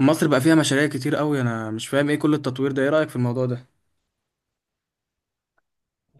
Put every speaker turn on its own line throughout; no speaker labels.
مصر بقى فيها مشاريع كتير قوي، انا مش فاهم ايه كل التطوير ده. ايه رأيك في الموضوع ده؟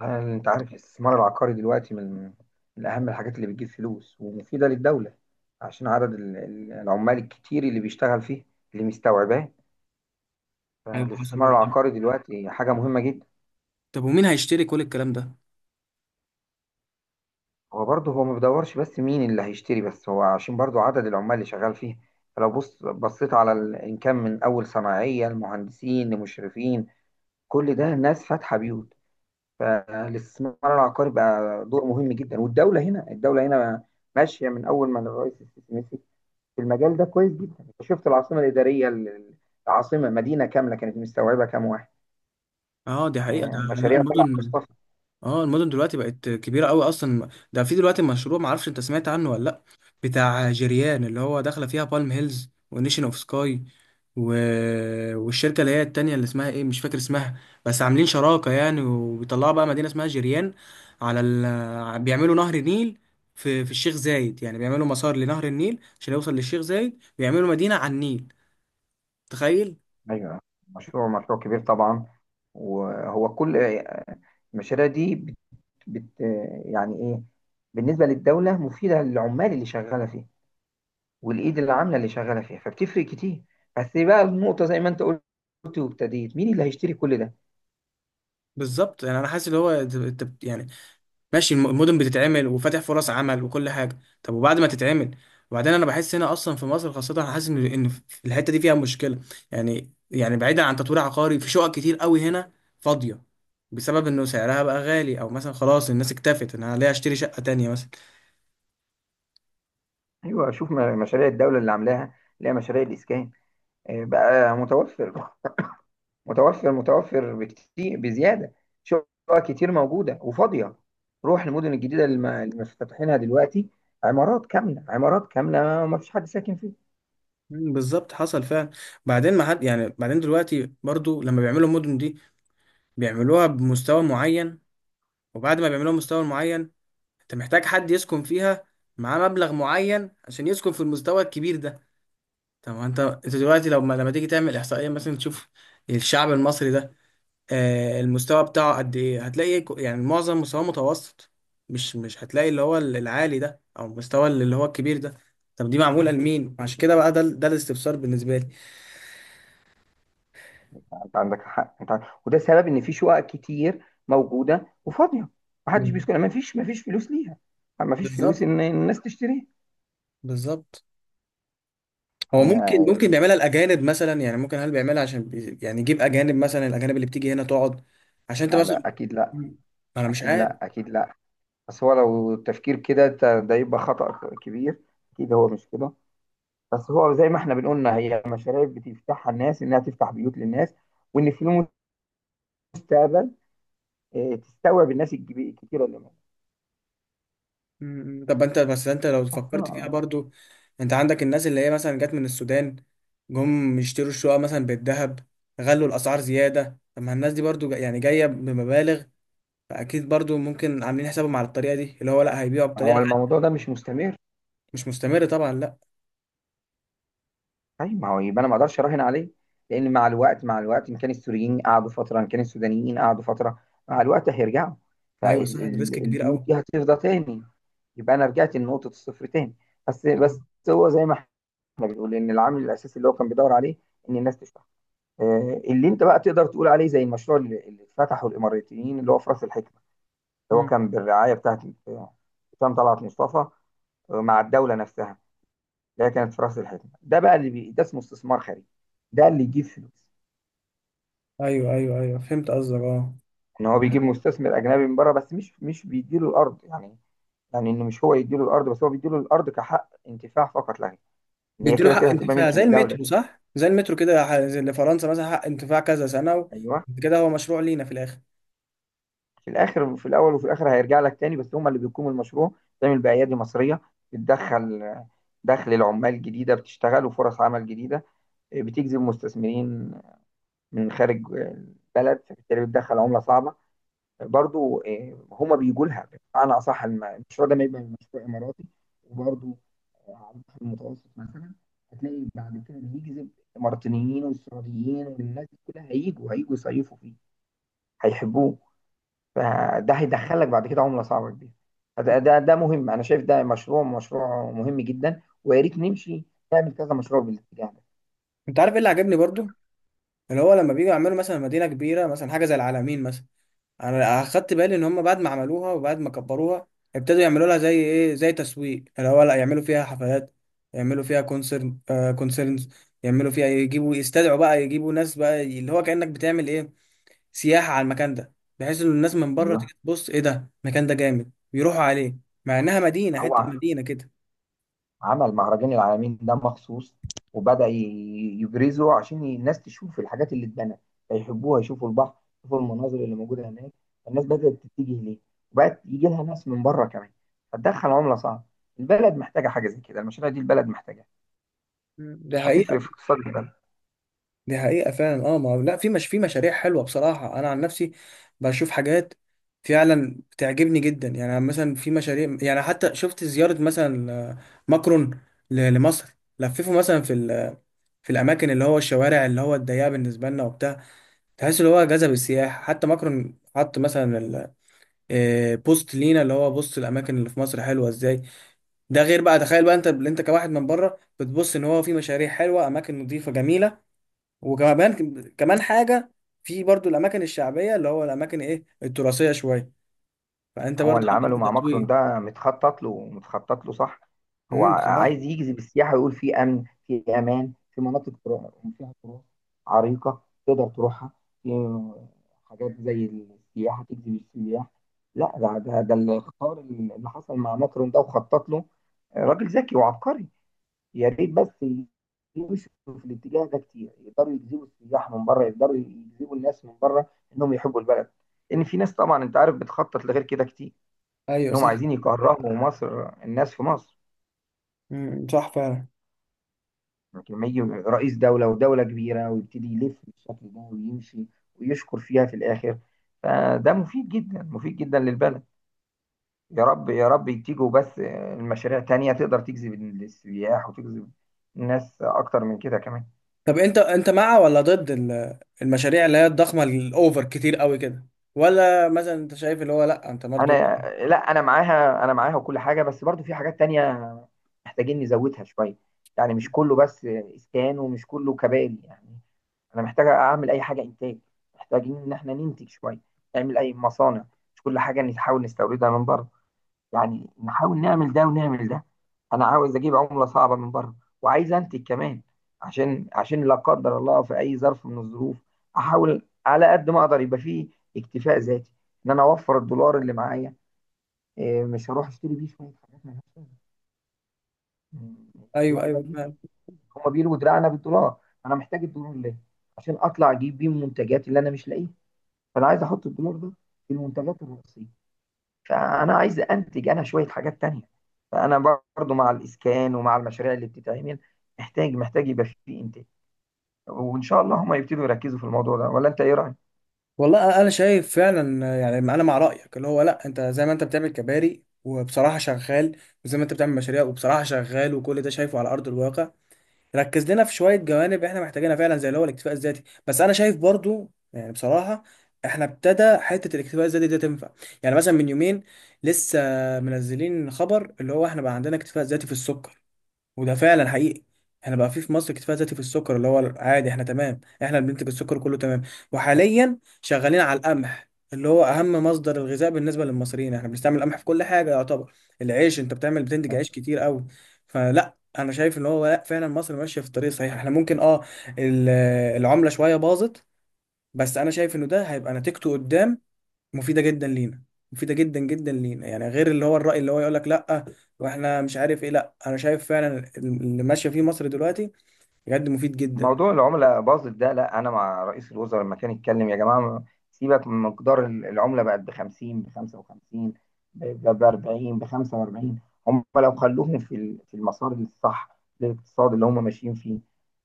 يعني انت عارف الاستثمار العقاري دلوقتي من اهم الحاجات اللي بتجيب فلوس ومفيدة للدولة، عشان عدد العمال الكتير اللي بيشتغل فيه، اللي مستوعباه.
ايوه، حصل
فالاستثمار
بقى. طب
العقاري دلوقتي حاجة مهمة جدا.
طب ومين هيشتري كل الكلام ده؟
هو برضه ما بيدورش، بس مين اللي هيشتري؟ بس هو عشان برضه عدد العمال اللي شغال فيه. فلو بصيت على ان كان من اول صناعية لمهندسين لمشرفين، كل ده ناس فاتحة بيوت. فالاستثمار العقاري بقى دور مهم جدا. والدولة هنا، الدولة هنا ماشية من أول ما الرئيس السيسي مسك في المجال ده كويس جدا. انت شفت العاصمه الاداريه العاصمه مدينه كامله، كانت مستوعبه كام واحد؟
اه، دي حقيقة. ده لا،
مشاريع طلعت
المدن.
مصطفى.
اه، المدن دلوقتي بقت كبيره قوي اصلا. ده في دلوقتي مشروع معرفش انت سمعت عنه ولا لا، بتاع جيريان اللي هو داخله فيها بالم هيلز ونيشن اوف سكاي، و... والشركه اللي هي التانية اللي اسمها ايه، مش فاكر اسمها، بس عاملين شراكه يعني وبيطلعوا بقى مدينه اسمها جيريان. على بيعملوا نهر النيل في في الشيخ زايد. يعني بيعملوا مسار لنهر النيل عشان يوصل للشيخ زايد، بيعملوا مدينه على النيل. تخيل.
ايوه، مشروع مشروع كبير طبعا. وهو كل المشاريع دي بت بت آه، يعني ايه، بالنسبه للدوله مفيده للعمال اللي شغاله فيها والايد اللي عامله اللي شغاله فيها، فبتفرق كتير. بس بقى النقطه زي ما انت قلت وابتديت: مين اللي هيشتري كل ده؟
بالظبط، يعني انا حاسس اللي هو يعني ماشي. المدن بتتعمل وفاتح فرص عمل وكل حاجه، طب وبعد ما تتعمل؟ وبعدين انا بحس هنا اصلا في مصر خاصه، انا حاسس ان في الحته دي فيها مشكله. يعني بعيدا عن تطوير عقاري، في شقق كتير قوي هنا فاضيه بسبب انه سعرها بقى غالي، او مثلا خلاص الناس اكتفت ان انا ليه اشتري شقه تانية مثلا.
ايوه، شوف مشاريع الدوله اللي عاملاها، اللي هي مشاريع الاسكان، بقى متوفر، متوفر متوفر بكتير بزياده. شقق كتير موجوده وفاضيه. روح المدن الجديده اللي مفتتحينها دلوقتي، عمارات كامله عمارات كامله وما فيش حد ساكن فيها.
بالظبط، حصل فعلا. بعدين ما حد، يعني بعدين دلوقتي برضو لما بيعملوا المدن دي بيعملوها بمستوى معين، وبعد ما بيعملوها بمستوى معين انت محتاج حد يسكن فيها، معاه مبلغ معين عشان يسكن في المستوى الكبير ده. طب ما انت، انت دلوقتي لو ما... لما تيجي تعمل احصائيه مثلا تشوف الشعب المصري ده، آه، المستوى بتاعه قد ايه، هتلاقي يعني معظم مستواه متوسط. مش هتلاقي اللي هو العالي ده او المستوى اللي هو الكبير ده. طب دي معموله لمين عشان كده؟ بقى ده ده الاستفسار بالنسبه لي.
انت عندك حق، انت وده سبب ان في شقق كتير موجوده وفاضيه، ما حدش
بال-
بيسكن، ما فيش فلوس ليها، ما فيش فلوس
بالظبط.
ان الناس تشتريها.
بالظبط. هو ممكن
يعني
ممكن بيعملها الاجانب مثلا، يعني ممكن، هل بيعملها عشان يعني يجيب اجانب مثلا، الاجانب اللي بتيجي هنا تقعد عشان انت مثلا.
لا، اكيد لا،
مم. انا مش
اكيد
عارف.
لا، اكيد لا. بس هو لو التفكير كده ده يبقى خطأ كبير. اكيد هو مش كده. بس هو زي ما احنا بنقولنا هي مشاريع بتفتحها الناس انها تفتح بيوت للناس، وان في المستقبل تستوعب الناس الكتيره اللي موجوده
مم. طب انت بس انت لو فكرت فيها
اصلا.
برضو، انت عندك الناس اللي هي مثلا جت من السودان، جم يشتروا الشقق مثلا بالذهب، غلوا الاسعار زياده. طب ما الناس دي برضو يعني جايه بمبالغ، فاكيد برضو ممكن عاملين حسابهم على الطريقه دي اللي هو لا، هيبيعوا
ما
بطريقه
هو
غالية.
الموضوع ده مش مستمر.
مش مستمر طبعا، لا.
طيب ما هو يبقى انا ما اقدرش اراهن عليه، لان مع الوقت، مع الوقت ان كان السوريين قعدوا فتره، ان كان السودانيين قعدوا فتره، مع الوقت هيرجعوا،
ايوه صح، ده ريسك كبير
فالبيوت
قوي.
دي هتفضى تاني، يبقى انا رجعت لنقطه الصفر تاني. بس هو زي ما احنا بنقول ان العامل الاساسي اللي هو كان بيدور عليه ان الناس تشتغل، اللي انت بقى تقدر تقول عليه زي المشروع اللي اتفتحه الاماراتيين، اللي هو في راس الحكمه، اللي هو
مم.
كان بالرعايه بتاعت آه، حسام طلعت مصطفى، مع الدوله نفسها. اللي هي كانت في راس الحكمه ده بقى، اللي بي... ده اسمه استثمار خارجي. ده اللي يجيب فلوس.
ايوه ايوه ايوه، فهمت قصدك، اه.
ان هو بيجيب مستثمر اجنبي من بره، بس مش بيديله الارض يعني. يعني انه مش هو يديله الارض، بس هو بيديله الارض كحق انتفاع فقط لا غير، ان هي
بيديله
كده
حق
كده هتبقى
انتفاع
ملك
زي
للدوله.
المترو، صح؟ زي المترو كده، زي اللي فرنسا مثلا، حق انتفاع كذا سنه
ايوه،
كده هو مشروع لينا في الاخر.
في الاخر، في الاول وفي الاخر هيرجع لك تاني، بس هم اللي بيقوموا المشروع، تعمل بايادي مصريه، بتدخل دخل العمال جديده بتشتغل، وفرص عمل جديده، بتجذب مستثمرين من خارج البلد، فبالتالي بتدخل عمله صعبه برضو، هم بيجوا لها. بمعنى اصح، المشروع ده ما يبقى مشروع اماراتي، وبرضو على البحر المتوسط مثلا، هتلاقي بعد كده بيجذب الاماراتيين والسعوديين والناس دي كلها، هيجوا هيجوا يصيفوا فيه، هيحبوه. فده هيدخلك بعد كده عملة صعبة كبيرة. ده مهم، أنا شايف ده مشروع مشروع مهم جدا. ويا ريت نمشي نعمل كذا مشروع بالاتجاه ده.
انت عارف ايه اللي عجبني برضو؟ اللي هو لما بيجوا يعملوا مثلا مدينة كبيرة، مثلا حاجة زي العلمين مثلا، انا اخدت بالي ان هم بعد ما عملوها وبعد ما كبروها ابتدوا يعملوا لها زي ايه، زي تسويق. اللي هو لا، يعملوا فيها حفلات، يعملوا فيها كونسرن، كونسرنز، يعملوا فيها، يجيبوا يستدعوا بقى، يجيبوا ناس بقى اللي هو كأنك بتعمل ايه، سياحة على المكان ده، بحيث ان الناس من بره
ايوه،
تيجي تبص ايه ده، المكان ده جامد، بيروحوا عليه، مع انها مدينة، حتة
هو
مدينة كده.
عمل مهرجان العالمين ده مخصوص، وبدأ يبرزه عشان الناس تشوف الحاجات اللي اتبنت فيحبوها، يشوفوا البحر، يشوفوا المناظر اللي موجودة هناك. الناس بدأت تتجه ليه، وبقت يجي لها ناس من بره كمان، فتدخل عملة صعبة. البلد محتاجة حاجة زي كده، المشاريع دي البلد محتاجة.
مم. ده حقيقي.
هتفرق في اقتصاد البلد.
دي حقيقة فعلا، اه. ما هو- لا، في، مش في مشاريع حلوة بصراحة. انا عن نفسي بشوف حاجات فعلا بتعجبني جدا، يعني مثلا في مشاريع، يعني حتى شفت زيارة مثلا، ماكرون لمصر، لففه مثلا في في الاماكن اللي هو الشوارع اللي هو الضيقة بالنسبة لنا وبتاع، تحس اللي هو جذب السياح. حتى ماكرون حط مثلا بوست لينا اللي هو بص، الاماكن اللي في مصر حلوة ازاي. ده غير بقى، تخيل بقى انت اللي انت كواحد من بره بتبص ان هو في مشاريع حلوة، اماكن نظيفة جميلة. وكمان كمان حاجة، في برضو الأماكن الشعبية اللي هو الأماكن إيه التراثية شوية، فأنت
هو
برضو
اللي عمله
عملت
مع ماكرون
تطوير.
ده متخطط له، متخطط له صح. هو
امم، بصراحة.
عايز يجذب السياحة، ويقول في أمن، في أمان، في مناطق فيها تراث عريقة تقدر تروحها، في حاجات زي السياحة تجذب السياح. لا، ده الاختيار اللي حصل مع ماكرون ده وخطط له. راجل ذكي وعبقري. يا ريت بس يمشوا في الاتجاه ده كتير، يقدروا يجذبوا السياح من بره، يقدروا يجذبوا الناس من بره، انهم يحبوا البلد. ان في ناس طبعا انت عارف بتخطط لغير كده كتير،
أيوه
انهم
صح.
عايزين يكرهوا مصر، الناس في مصر.
امم، صح فعلا.
لكن لما يجي رئيس دولة ودولة كبيرة ويبتدي يلف بالشكل ده ويمشي ويشكر فيها في الآخر، فده مفيد جدا، مفيد جدا للبلد. يا رب يا رب يتيجوا بس المشاريع تانية تقدر تجذب السياح وتجذب الناس أكتر من كده كمان.
طب أنت، أنت مع ولا ضد المشاريع اللي هي الضخمة الأوفر كتير قوي كده؟ ولا مثلا أنت شايف اللي هو لأ أنت برضو؟
أنا لا، أنا معاها، أنا معاها وكل حاجة. بس برضو في حاجات تانية محتاجين نزودها شوية، يعني مش كله بس إسكان، ومش كله كباري يعني. انا محتاج اعمل اي حاجه انتاج. محتاجين ان احنا ننتج شويه، نعمل اي مصانع، مش كل حاجه نحاول نستوردها من بره. يعني نحاول نعمل ده ونعمل ده. انا عاوز اجيب عمله صعبه من بره، وعايز انتج كمان. عشان لا قدر الله في اي ظرف من الظروف، احاول على قد ما اقدر يبقى فيه اكتفاء ذاتي، ان انا اوفر الدولار اللي معايا. مش هروح اشتري بيه شويه حاجات مالهاش لازمه.
أيوه
الدولار ده
أيوه
بيفرق.
فعلا.
هما بيلوا دراعنا بالدولار. انا محتاج الدولار ليه؟ عشان اطلع اجيب بيه المنتجات اللي انا مش لاقيها. فانا عايز احط الدولار ده في المنتجات الرئيسيه. فانا عايز انتج انا شويه حاجات تانية. فانا برضو مع الاسكان ومع المشاريع اللي بتتعمل، محتاج يبقى في انتاج. وان شاء الله هم يبتدوا يركزوا في الموضوع ده. ولا انت ايه رايك؟
والله أنا شايف فعلا. يعني أنا مع رأيك اللي هو لأ، أنت زي ما أنت بتعمل كباري وبصراحة شغال، وزي ما أنت بتعمل مشاريع وبصراحة شغال وكل ده شايفه على أرض الواقع، ركز لنا في شويه جوانب احنا محتاجينها فعلا زي اللي هو الاكتفاء الذاتي. بس انا شايف برضو يعني بصراحه احنا ابتدى حته الاكتفاء الذاتي ده تنفع. يعني مثلا من يومين لسه منزلين خبر اللي هو احنا بقى عندنا اكتفاء ذاتي في السكر، وده فعلا حقيقي. احنا بقى في في مصر اكتفاء ذاتي في السكر، اللي هو عادي، احنا تمام. احنا اللي بننتج السكر كله، تمام. وحاليا شغالين على القمح اللي هو اهم مصدر الغذاء بالنسبه للمصريين. احنا بنستعمل القمح في كل حاجه يعتبر، العيش انت بتعمل بتنتج عيش كتير قوي. فلا انا شايف ان هو لا فعلا مصر ماشيه في الطريق الصحيح. احنا ممكن اه ال- العمله شويه باظت، بس انا شايف انه ده هيبقى نتيجته قدام مفيده جدا لينا، مفيده جدا جدا لينا. يعني غير اللي هو الراي اللي هو يقول لك لا واحنا مش عارف ايه، لا انا شايف فعلا اللي ماشيه فيه مصر دلوقتي بجد مفيد جدا.
موضوع العملة باظت ده، لا أنا مع رئيس الوزراء لما كان يتكلم. يا جماعة سيبك من مقدار العملة بقت ب 50، ب 55، ب 40، ب 45. هم لو خلوهم في في المسار الصح للاقتصاد اللي هم ماشيين فيه،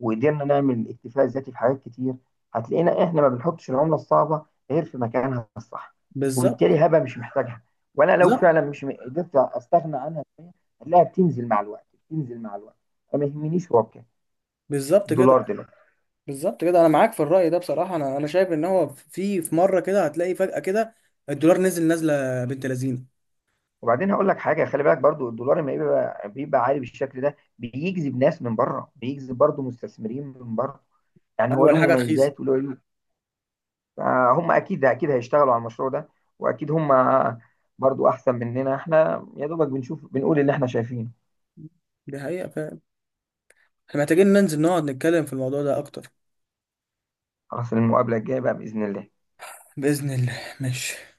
وقدرنا نعمل اكتفاء ذاتي في حاجات كتير، هتلاقينا إحنا ما بنحطش العملة الصعبة غير في مكانها الصح،
بالظبط.
وبالتالي هبة مش محتاجها. وأنا لو
بالظبط.
فعلا مش قدرت أستغنى عنها شوية، هتلاقيها بتنزل مع الوقت، بتنزل مع الوقت، فما يهمنيش هو بكام
بالظبط كده.
الدولار دلوقتي.
بالظبط كده، انا معاك في الراي ده بصراحه. انا شايف ان هو في في مره كده هتلاقي فجاه كده الدولار نزل نازله بنت لذينه.
وبعدين هقول لك حاجه، خلي بالك برضو الدولار لما بيبقى عالي بالشكل ده بيجذب ناس من بره، بيجذب برضو مستثمرين من بره. يعني هو
اول
له
حاجه رخيصه.
مميزات وله عيوب. فهم اكيد اكيد هيشتغلوا على المشروع ده، واكيد هم برضو احسن مننا. احنا يا دوبك بنشوف بنقول اللي احنا شايفينه.
دي حقيقه فعلا. احنا محتاجين ننزل نقعد نتكلم في الموضوع ده اكتر.
خلاص، المقابله الجايه بقى باذن الله.
باذن الله. ماشي.